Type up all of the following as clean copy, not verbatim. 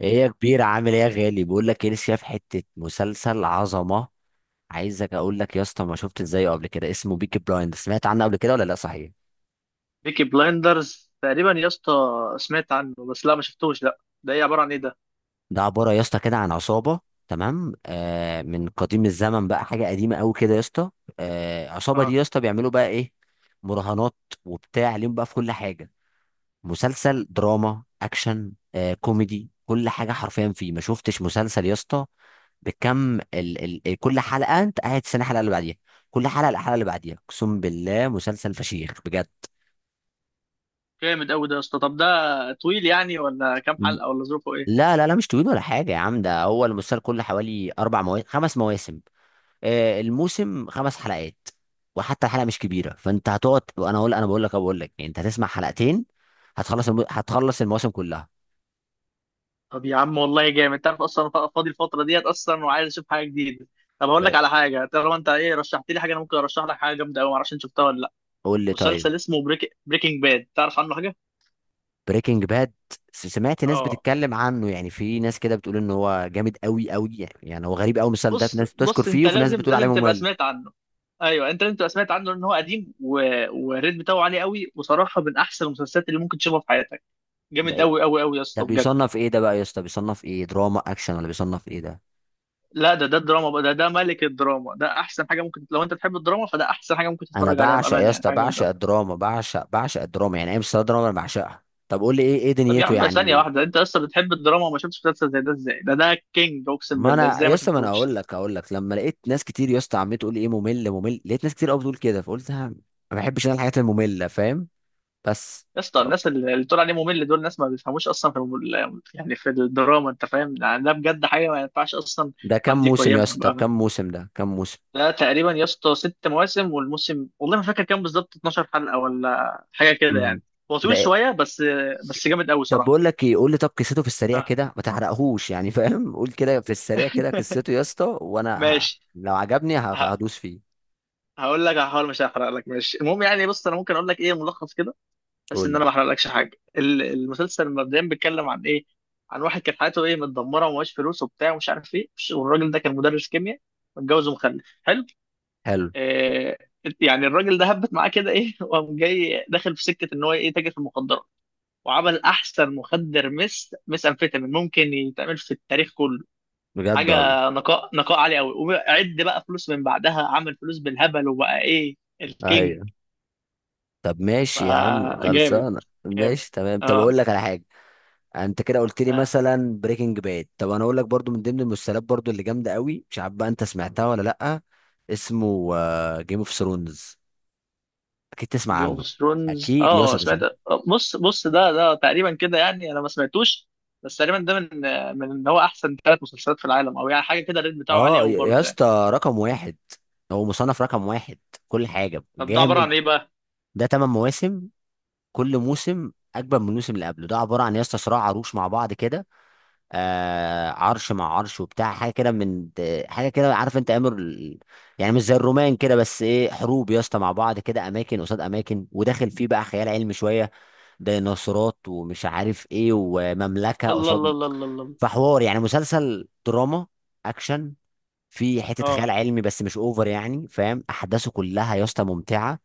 ايه يا كبير، عامل ايه يا غالي؟ بقول لك ايه، لسه شايف حته مسلسل عظمه. عايزك اقول لك يا اسطى، ما شفت ازاي قبل كده، اسمه بيكي بلايند، سمعت عنه قبل كده ولا لا؟ صحيح. بيكي بلايندرز تقريبا يا اسطى. سمعت عنه بس لا، ما شفتوش. لا ده ايه؟ عبارة عن ايه ده؟ ده عباره يا اسطى كده عن عصابه. تمام، آه، من قديم الزمن بقى، حاجه قديمه قوي كده يا اسطى. آه، العصابه دي اه يا اسطى بيعملوا بقى ايه؟ مراهنات، وبتاع ليهم بقى في كل حاجه. مسلسل دراما اكشن، كوميدي، كل حاجه حرفيا فيه. ما شفتش مسلسل يا اسطى بكم ال كل حلقه انت قاعد تستنى الحلقه اللي بعديها، كل حلقه الحلقه اللي بعديها. اقسم بالله مسلسل فشيخ بجد. جامد قوي ده يا اسطى. طب ده طويل يعني ولا كام حلقة، ولا ظروفه ايه؟ لا لا لا، مش طويل ولا حاجه يا عم، ده هو المسلسل كله حوالي 4 مواسم 5 مواسم، الموسم 5 حلقات، وحتى الحلقه مش كبيره، فانت هتقعد، وانا اقول انا بقول لك أنا بقول لك يعني انت هتسمع حلقتين، هتخلص المواسم كلها. طب يا عم والله جامد. انت عارف اصلا أنا فاضي الفترة ديت اصلا وعايز اشوف حاجة جديدة. طب هقول لك ب- على حاجة، طالما انت ايه رشحت لي حاجة، انا ممكن ارشح لك حاجة جامدة قوي، معرفش انت شفتها ولا لا. قول لي طيب. مسلسل اسمه بريكنج باد، تعرف عنه حاجة؟ بريكنج باد، سمعت ناس اه. بتتكلم عنه، يعني في ناس كده بتقول ان هو جامد قوي قوي، يعني هو غريب قوي المسلسل ده، في بص ناس بتشكر بص فيه انت وفي ناس لازم بتقول عليه لازم تبقى ممل. سمعت عنه. ايوه انت لازم تبقى سمعت عنه لان هو قديم والريت بتاعه عالي قوي، وصراحه من احسن المسلسلات اللي ممكن تشوفها في حياتك. ده جامد ايه؟ قوي يا ده اسطى بجد. بيصنف ايه ده بقى يا اسطى، بيصنف ايه، دراما اكشن ولا بيصنف ايه ده؟ لا ده ده الدراما بقى، ده ده ملك الدراما، ده احسن حاجه ممكن، لو انت تحب الدراما فده احسن حاجه ممكن انا تتفرج عليها بعشق يا بامانه، يعني اسطى، حاجه جامده بعشق قوي. الدراما، بعشق الدراما، يعني ايه مسلسل دراما، انا بعشقها. طب قول لي ايه، ايه طب يا دنيته عم ثانيه يعني؟ واحده، انت اصلا بتحب الدراما وما شفتش مسلسل زي ده؟ ازاي؟ ده ده كينج، اقسم ما بالله انا ازاي يا ما اسطى، ما انا شفتوش. اقول لك لما لقيت ناس كتير يا اسطى عمال تقول لي ايه، ممل ممل، لقيت ناس كتير قوي بتقول كده، فقلت ها، ما بحبش انا الحاجات المملة، فاهم؟ بس. يا اسطى الناس اللي تقول عليه ممل دول ناس ما بيفهموش اصلا في يعني في الدراما، انت فاهم يعني؟ ده بجد حاجه ما ينفعش اصلا ده كام حد موسم يا يقيمها اسطى؟ طب بامانه. كام موسم، ده كام موسم؟ ده تقريبا يا اسطى ست مواسم، والموسم والله ما فاكر كام بالظبط، 12 حلقه ولا حاجه كده امم. يعني. هو ده طويل إيه؟ شويه بس، بس جامد قوي طب صراحه. بقول لك ايه، قول لي طب قصته في السريع ها. كده، ما تحرقهوش يعني، فاهم؟ قول كده في السريع كده قصته يا اسطى، وانا ماشي. لو عجبني ه- هدوس فيه. هقول لك، هحاول مش هحرق لك. ماشي، المهم يعني بص، انا ممكن اقول لك ايه ملخص كده، بس قول ان انا لي. ما احرقلكش حاجه. المسلسل مبدئيا بيتكلم عن ايه؟ عن واحد كانت حياته ايه، متدمره ومعهوش فلوس وبتاع ومش عارف ايه، والراجل ده كان مدرس كيمياء، متجوز ومخلف حلو. حلو. آه. يعني الراجل ده هبت معاه كده ايه، وقام جاي داخل في سكه ان هو ايه، تاجر في المخدرات. وعمل احسن مخدر مس مس امفيتامين ممكن يتعمل في التاريخ كله. بجد حاجه والله. نقاء عالي قوي. وعد بقى فلوس من بعدها، عمل فلوس بالهبل وبقى ايه، الكينج. ايوه. طب ماشي يا عم، فجامد. خلصانه جامد. ماشي تمام. طب اه. اقول لك على حاجه. انت كده قلت لي مثلا بريكنج باد، طب انا اقول لك برضو من ضمن المسلسلات برضو اللي جامده قوي، مش عارف بقى انت سمعتها ولا لا. اسمه جيم اوف ثرونز، اكيد تسمع جيم اوف عنه. ثرونز، اكيد يا اه اسطى تسمع. سمعت. بص بص، ده ده تقريبا كده يعني انا ما سمعتوش، بس تقريبا ده من، من ان هو احسن ثلاث مسلسلات في العالم او يعني حاجه كده. الريت بتاعه عالي اه، قوي يا يا برضه يعني. اسطى رقم واحد، هو مصنف رقم واحد، كل حاجه طب ده عباره جامد. عن ايه بقى؟ ده 8 مواسم، كل موسم اجمل من الموسم اللي قبله. ده عباره عن يا اسطى صراع عروش مع بعض كده، آه، عرش مع عرش وبتاع، حاجه كده حاجه كده، عارف انت امر يعني مش زي الرومان كده، بس ايه، حروب يا اسطى مع بعض كده، اماكن قصاد اماكن، وداخل فيه بقى خيال علمي شويه، ديناصورات ومش عارف ايه، ومملكه الله الله قصاد. الله الله الله. فحوار يعني مسلسل دراما اكشن، في حته خيال اه. علمي بس مش اوفر يعني، فاهم؟ احداثه كلها يا اسطى ممتعه.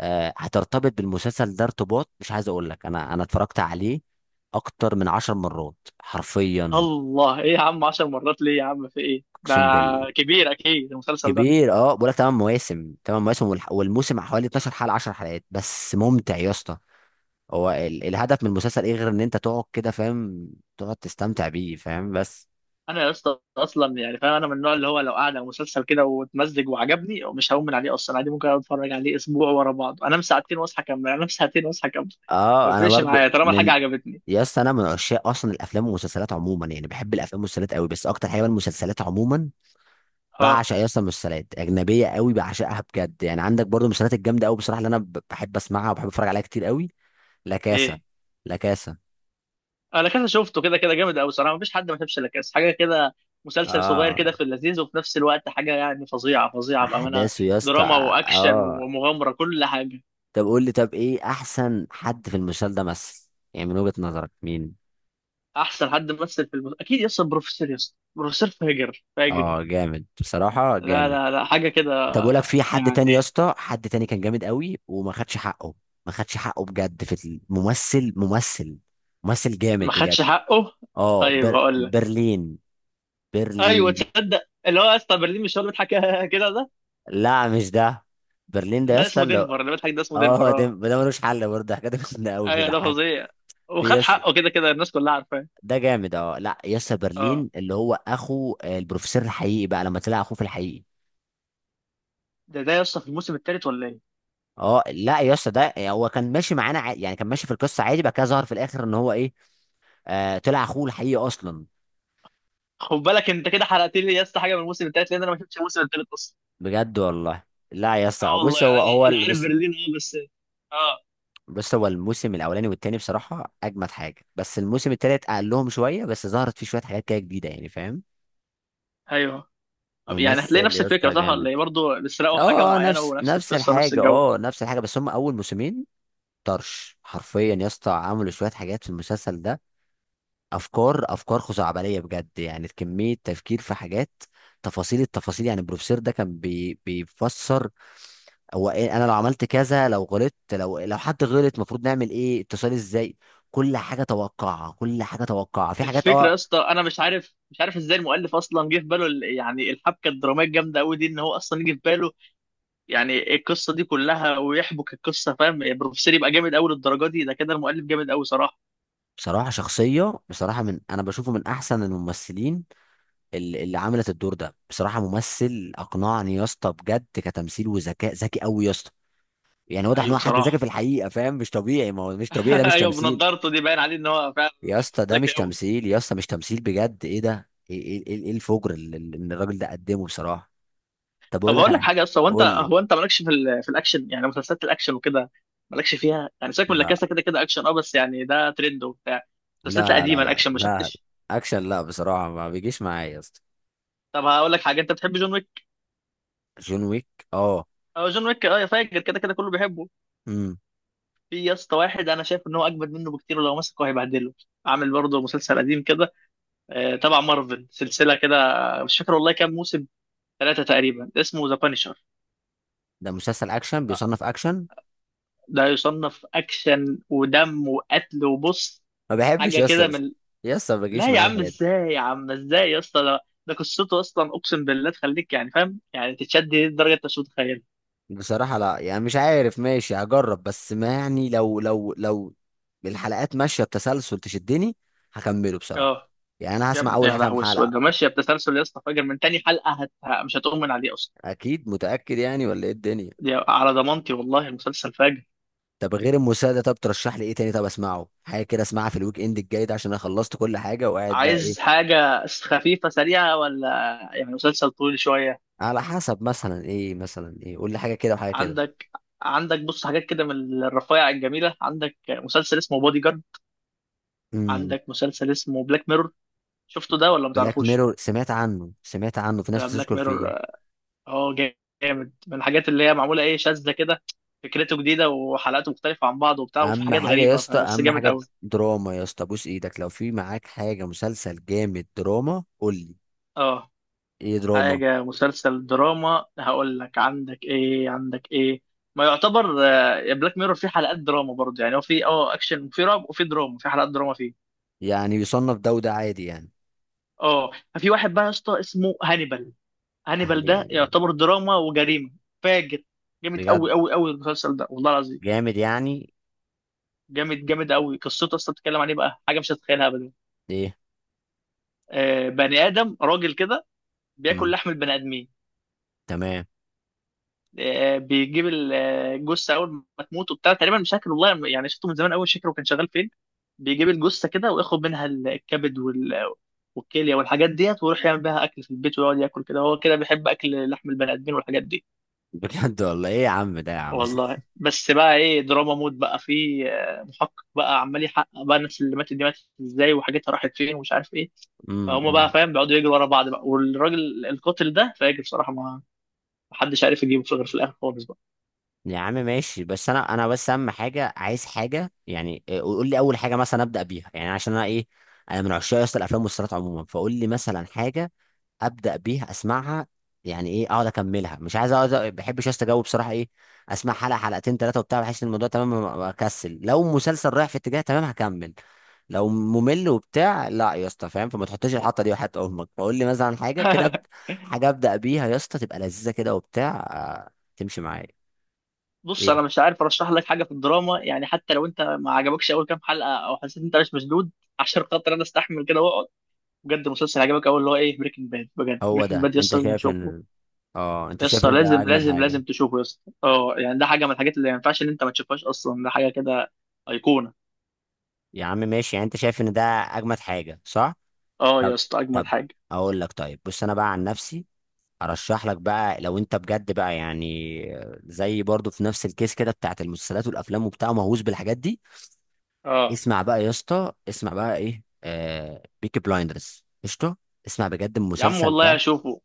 هترتبط بالمسلسل ده ارتباط، مش عايز اقول لك، انا اتفرجت عليه اكتر من 10 مرات حرفيا. الله، ايه يا عم 10 مرات ليه يا عم؟ في ايه ده؟ اقسم بال كبير اكيد المسلسل ده. كبير. اه بقول لك 8 مواسم، 8 مواسم، والموسم حوالي 12 حلقه، 10 حلقات، بس ممتع يا اسطى. هو الهدف من المسلسل ايه، غير ان انت تقعد كده، فاهم؟ تقعد تستمتع بيه، فاهم؟ بس. انا يا اسطى اصلا يعني فاهم، انا من النوع اللي هو لو قاعد على مسلسل كده واتمزج وعجبني مش هقوم من عليه اصلا. عادي ممكن أقعد اتفرج عليه اسبوع ورا بعض، انام ساعتين واصحى اكمل، انام ساعتين واصحى اكمل. ما اه انا بيفرقش برضه معايا طالما الحاجه من. عجبتني. يا اسطى انا من عشاق اصلا الافلام والمسلسلات عموما، يعني بحب الافلام والمسلسلات قوي، بس اكتر حاجه بقى المسلسلات عموما. ها. بعشق يا اسطى المسلسلات اجنبيه قوي، بعشقها بجد. يعني عندك برضو المسلسلات الجامده قوي بصراحه، اللي انا بحب اسمعها وبحب اتفرج عليها كتير قوي. لا كاسا. ايه. لا كاسا. انا كذا شفته، كده كده جامد قوي صراحه، مفيش حد ما شافش لا كاس، حاجه كده. مسلسل صغير اه، كده في اللذيذ، وفي نفس الوقت حاجه يعني فظيعه فظيعه بامانه. احداثه يا اسطى، دراما واكشن اه. ومغامره، كل حاجه. طب قول لي طب ايه احسن حد في المسلسل ده مثل، يعني من وجهه نظرك مين؟ احسن حد مثل في اكيد يس بروفيسور، يس بروفيسور فاجر فاجر. اه جامد بصراحه، لا جامد. لا لا، حاجه كده طب اقول لك في حد تاني يا يعني اسطى، حد تاني كان جامد قوي وما خدش حقه، ما خدش حقه بجد في الممثل، ممثل ممثل ما جامد بجد. خدش حقه. اه، طيب هقول لك. برلين. ايوه برلين. تصدق اللي هو يا اسطى برلين مش هو اللي بيضحك كده ده؟ لا مش ده. برلين ده يا ده اسطى اسمه اللي. دنفر، اللي بيضحك ده اسمه دنفر، اه. ده اه. ده ملوش حل برضه، حاجه، ده كنا قوي ايوه ده بيضحك فظيع، في وخد يس. حقه، كده كده الناس كلها عارفاه. ده جامد. اه، لا، يس اه. برلين اللي هو اخو، آه، البروفيسور الحقيقي بقى لما طلع اخوه في الحقيقي. ده ده يا اسطى في الموسم الثالث ولا ايه؟ اه، لا يا اسطى ده هو كان ماشي معانا، يعني كان ماشي في القصه عادي بقى كده، ظهر في الاخر ان هو ايه، آه، طلع اخوه الحقيقي اصلا. خد بالك انت كده حرقت لي يا اسطى حاجه من الموسم الثالث، لان انا ما شفتش الموسم الثالث اصلا. بجد والله. لا يا اه اسطى، والله. بص، انا هو هو انا ال- عارف بص، برلين اه بس. اه. بص هو الموسم الاولاني والتاني بصراحه اجمد حاجه، بس الموسم التالت اقلهم شويه، بس ظهرت فيه شويه حاجات كده جديده، يعني فاهم؟ ايوه. طب يعني هتلاقي ممثل نفس يا الفكره اسطى صح جامد. ولا ايه؟ برضه بيسرقوا حاجه اه، اه، معينه نفس ونفس نفس القصه نفس الحاجه، الجو. اه، نفس الحاجه، بس هم اول موسمين طرش حرفيا يا اسطى، عملوا شويه حاجات في المسلسل ده، افكار خزعبليه بجد، يعني كميه تفكير في حاجات، التفاصيل يعني البروفيسور ده كان بيفسر هو إيه، انا لو عملت كذا، لو غلطت، لو حد غلط المفروض نعمل ايه، اتصال ازاي، كل حاجه توقعها، كل حاجه توقعها، في حاجات. الفكره اه، يا اسطى انا مش عارف ازاي المؤلف اصلا جه في باله يعني الحبكه الدراميه الجامده قوي دي، ان هو اصلا يجي في باله يعني القصه دي كلها ويحبك القصه، فاهم؟ البروفيسور يبقى جامد قوي للدرجه دي، ده كده المؤلف جامد قوي صراحه. بصراحه شخصيه، بصراحه، من انا بشوفه من احسن الممثلين، اللي عملت الدور ده، بصراحه ممثل اقنعني يا اسطى بجد، كتمثيل وذكاء، ذكي قوي يا اسطى، يعني واضح ان ايوه هو حد ذكي صراحه. في الحقيقه، فاهم؟ مش طبيعي، ما هو مش طبيعي، ده مش ايوه تمثيل بنضارته دي باين عليه ان هو فعلا يا اسطى، ده مش ذكي قوي. تمثيل يا اسطى، مش تمثيل بجد. ايه ده، ايه ايه ايه، إيه الفجر اللي إن الراجل ده قدمه بصراحه. طب طب اقول لك هقول على لك حاجه. حاجه، اصلا هو انت، قول لي. هو انت مالكش في في الاكشن يعني، مسلسلات الاكشن وكده؟ مالكش فيها يعني؟ سيبك من لا لاكاسا، كده كده اكشن اه بس يعني ده ترند وبتاع. المسلسلات لا لا لا القديمه لا الاكشن ما لا، شفتش؟ اكشن لا بصراحه ما بيجيش معايا يا اسطى. طب هقول لك حاجه، انت بتحب جون ويك؟ جون ويك، اه. اه جون ويك اه، يا فاجر كده كده كله بيحبه. امم. في يا اسطى واحد انا شايف ان هو اجمد منه بكتير، ولو مسكه هيبهدله. عامل برضه مسلسل قديم كده، آه، تبع مارفل، سلسله كده، مش فاكر والله كام موسم، ثلاثه تقريبا، اسمه ذا بانشر. ده مسلسل اكشن، بيصنف اكشن. ده يصنف اكشن ودم وقتل وبص، ما بحبش حاجه يا اسطى، كده من، يا اسطى ما بيجيش لا يا معايا عم الحاجات دي. ازاي يا عم، ازاي يا اسطى ده؟ ده قصته اصلا اقسم بالله تخليك يعني فاهم يعني، تتشد لدرجه انت مش متخيلها. بصراحه لا يعني مش عارف، ماشي هجرب، بس ما يعني، لو الحلقات ماشيه بتسلسل تشدني، هكمله بصراحه، اه. يعني انا يا هسمع ابني اول يا كام لهوي اسود حلقه. ده ماشيه بتسلسل يا اسطى فاجر، من تاني حلقه مش هتؤمن عليه اصلا. اكيد، متاكد يعني ولا ايه الدنيا؟ دي على ضمانتي، والله المسلسل فاجر. طب غير الموسيقى ده، طب ترشح لي ايه تاني، طب اسمعه حاجه كده، اسمعها في الويك اند الجاي ده، عشان انا خلصت كل حاجه وقاعد بقى ايه. عايز حاجه خفيفه سريعه ولا يعني مسلسل طويل شويه؟ على حسب، مثلا ايه، مثلا ايه، قول لي حاجه كده وحاجه كده. عندك، عندك بص حاجات كده من الرفايع الجميله، عندك مسلسل اسمه بودي جارد، امم. عندك مسلسل اسمه بلاك ميرور، شفته ده ولا بلاك متعرفوش؟ ميرور، سمعت عنه، سمعت عنه، في ناس بلاك بتشكر ميرور، فيه. اه، جامد، من الحاجات اللي هي معموله ايه، شاذة كده. فكرته جديده، وحلقاته مختلفه عن بعض وبتاع، وفي اهم حاجات حاجه يا غريبه، اسطى، فبس اهم جامد حاجه قوي. دراما يا اسطى، بوس ايدك لو في معاك حاجه مسلسل جامد دراما، قول لي. اه. ايه دراما؟ حاجه مسلسل دراما هقول لك، عندك ايه، عندك ايه، ما يعتبر آه، بلاك ميرور فيه حلقات دراما برضه، يعني هو فيه اه اكشن وفيه رعب وفيه دراما، في حلقات دراما فيه. يعني يصنف ده وده عادي يعني؟ اه. في واحد بقى يا اسطى اسمه هانيبال، هانيبال ده يعني يعتبر دراما وجريمه، فاجر، جامد قوي بجد قوي قوي المسلسل ده والله العظيم. جامد يعني؟ جامد، جامد قوي. قصته اصلا بتتكلم عن ايه بقى، حاجه مش هتتخيلها ابدا. ايه؟ آه، بني ادم راجل كده بياكل امم. لحم البني ادمين. تمام. آه بيجيب آه، الجثه اول ما تموت وبتاع، تقريبا مش فاكر والله، يعني شفته من زمان قوي، مش فاكر هو كان شغال فين. بيجيب الجثه كده وياخد منها الكبد وال والكليه والحاجات ديت، ويروح يعمل بيها اكل في البيت، ويقعد ياكل كده، هو كده بيحب اكل لحم البني ادمين والحاجات دي. بجد والله. ايه يا عم ده يا عم. والله بس بقى ايه، دراما مود بقى، في آه، محقق بقى عمال يحقق بقى الناس اللي ماتت دي ماتت ازاي، وحاجتها راحت فين، ومش عارف ايه. أمم، فهم بقى أمم. فاهم، بيقعدوا يجروا ورا بعض بقى، والراجل القاتل ده فاجر بصراحه، ما محدش عارف يجيبه في غير في الاخر خالص بقى. يا عم ماشي، بس انا بس اهم حاجه عايز حاجه يعني، إيه، قول لي اول حاجه مثلا ابدا بيها، يعني عشان انا ايه، انا من عشاق اصلا الافلام والمسلسلات عموما، فقول لي مثلا حاجه ابدا بيها، اسمعها. يعني ايه اقعد اكملها، مش عايز اقعد، ما بحبش استجاوب بصراحه، ايه، اسمع حلقه حلقتين ثلاثه وبتاع، بحس ان الموضوع تمام، اكسل، لو مسلسل رايح في اتجاه تمام هكمل، لو ممل وبتاع لا يا اسطى، فاهم؟ فما تحطش الحطه دي وحياه امك، فقول لي مثلا حاجه كده، حاجه ابدا بيها يا اسطى، تبقى لذيذه كده وبتاع، آه، تمشي معايا. بص ايه، انا مش عارف ارشح لك حاجه في الدراما يعني، حتى لو انت ما عجبكش اول كام حلقه او حسيت انت مش مشدود، عشان خاطر انا استحمل كده واقعد. بجد المسلسل عجبك اول اللي هو ايه بريكنج باد، بجد هو بريكنج ده باد يس انت لازم شايف تشوفه. ان. اه، انت شايف يسطا ان ده لازم اجمد لازم حاجه؟ لازم تشوفه يسطا اه، يعني ده حاجه من الحاجات اللي ما ينفعش ان انت ما تشوفهاش اصلا، ده حاجه كده ايقونه. يا عم ماشي، يعني انت شايف ان ده اجمد حاجه صح؟ اه طب. يسطا اجمد طب حاجه. اقول لك طيب، بص انا بقى عن نفسي ارشح لك بقى لو انت بجد بقى، يعني زي برضو في نفس الكيس كده بتاعت المسلسلات والافلام وبتاع، مهووس بالحاجات دي. اه اسمع بقى يا اسطى، اسمع بقى ايه، آه، بيكي بلايندرز قشطه. اسمع بجد يا عم المسلسل والله ده. هشوفه،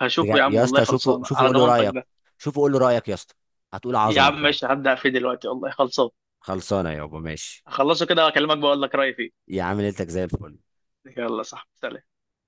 هشوفه بجد يا عم يا والله اسطى، شوفه، خلصان، شوفه على قول له ضمانتك رايك، ده. شوفه قول له رايك يا اسطى، هتقول يا عظمه عم بجد. ماشي هبدا فيه دلوقتي والله خلصان. خلصانه يابا ماشي. هخلصه كده واكلمك بقول لك رايي فيه. يا عم ليلتك زي الفل. يلا، صح. سلام.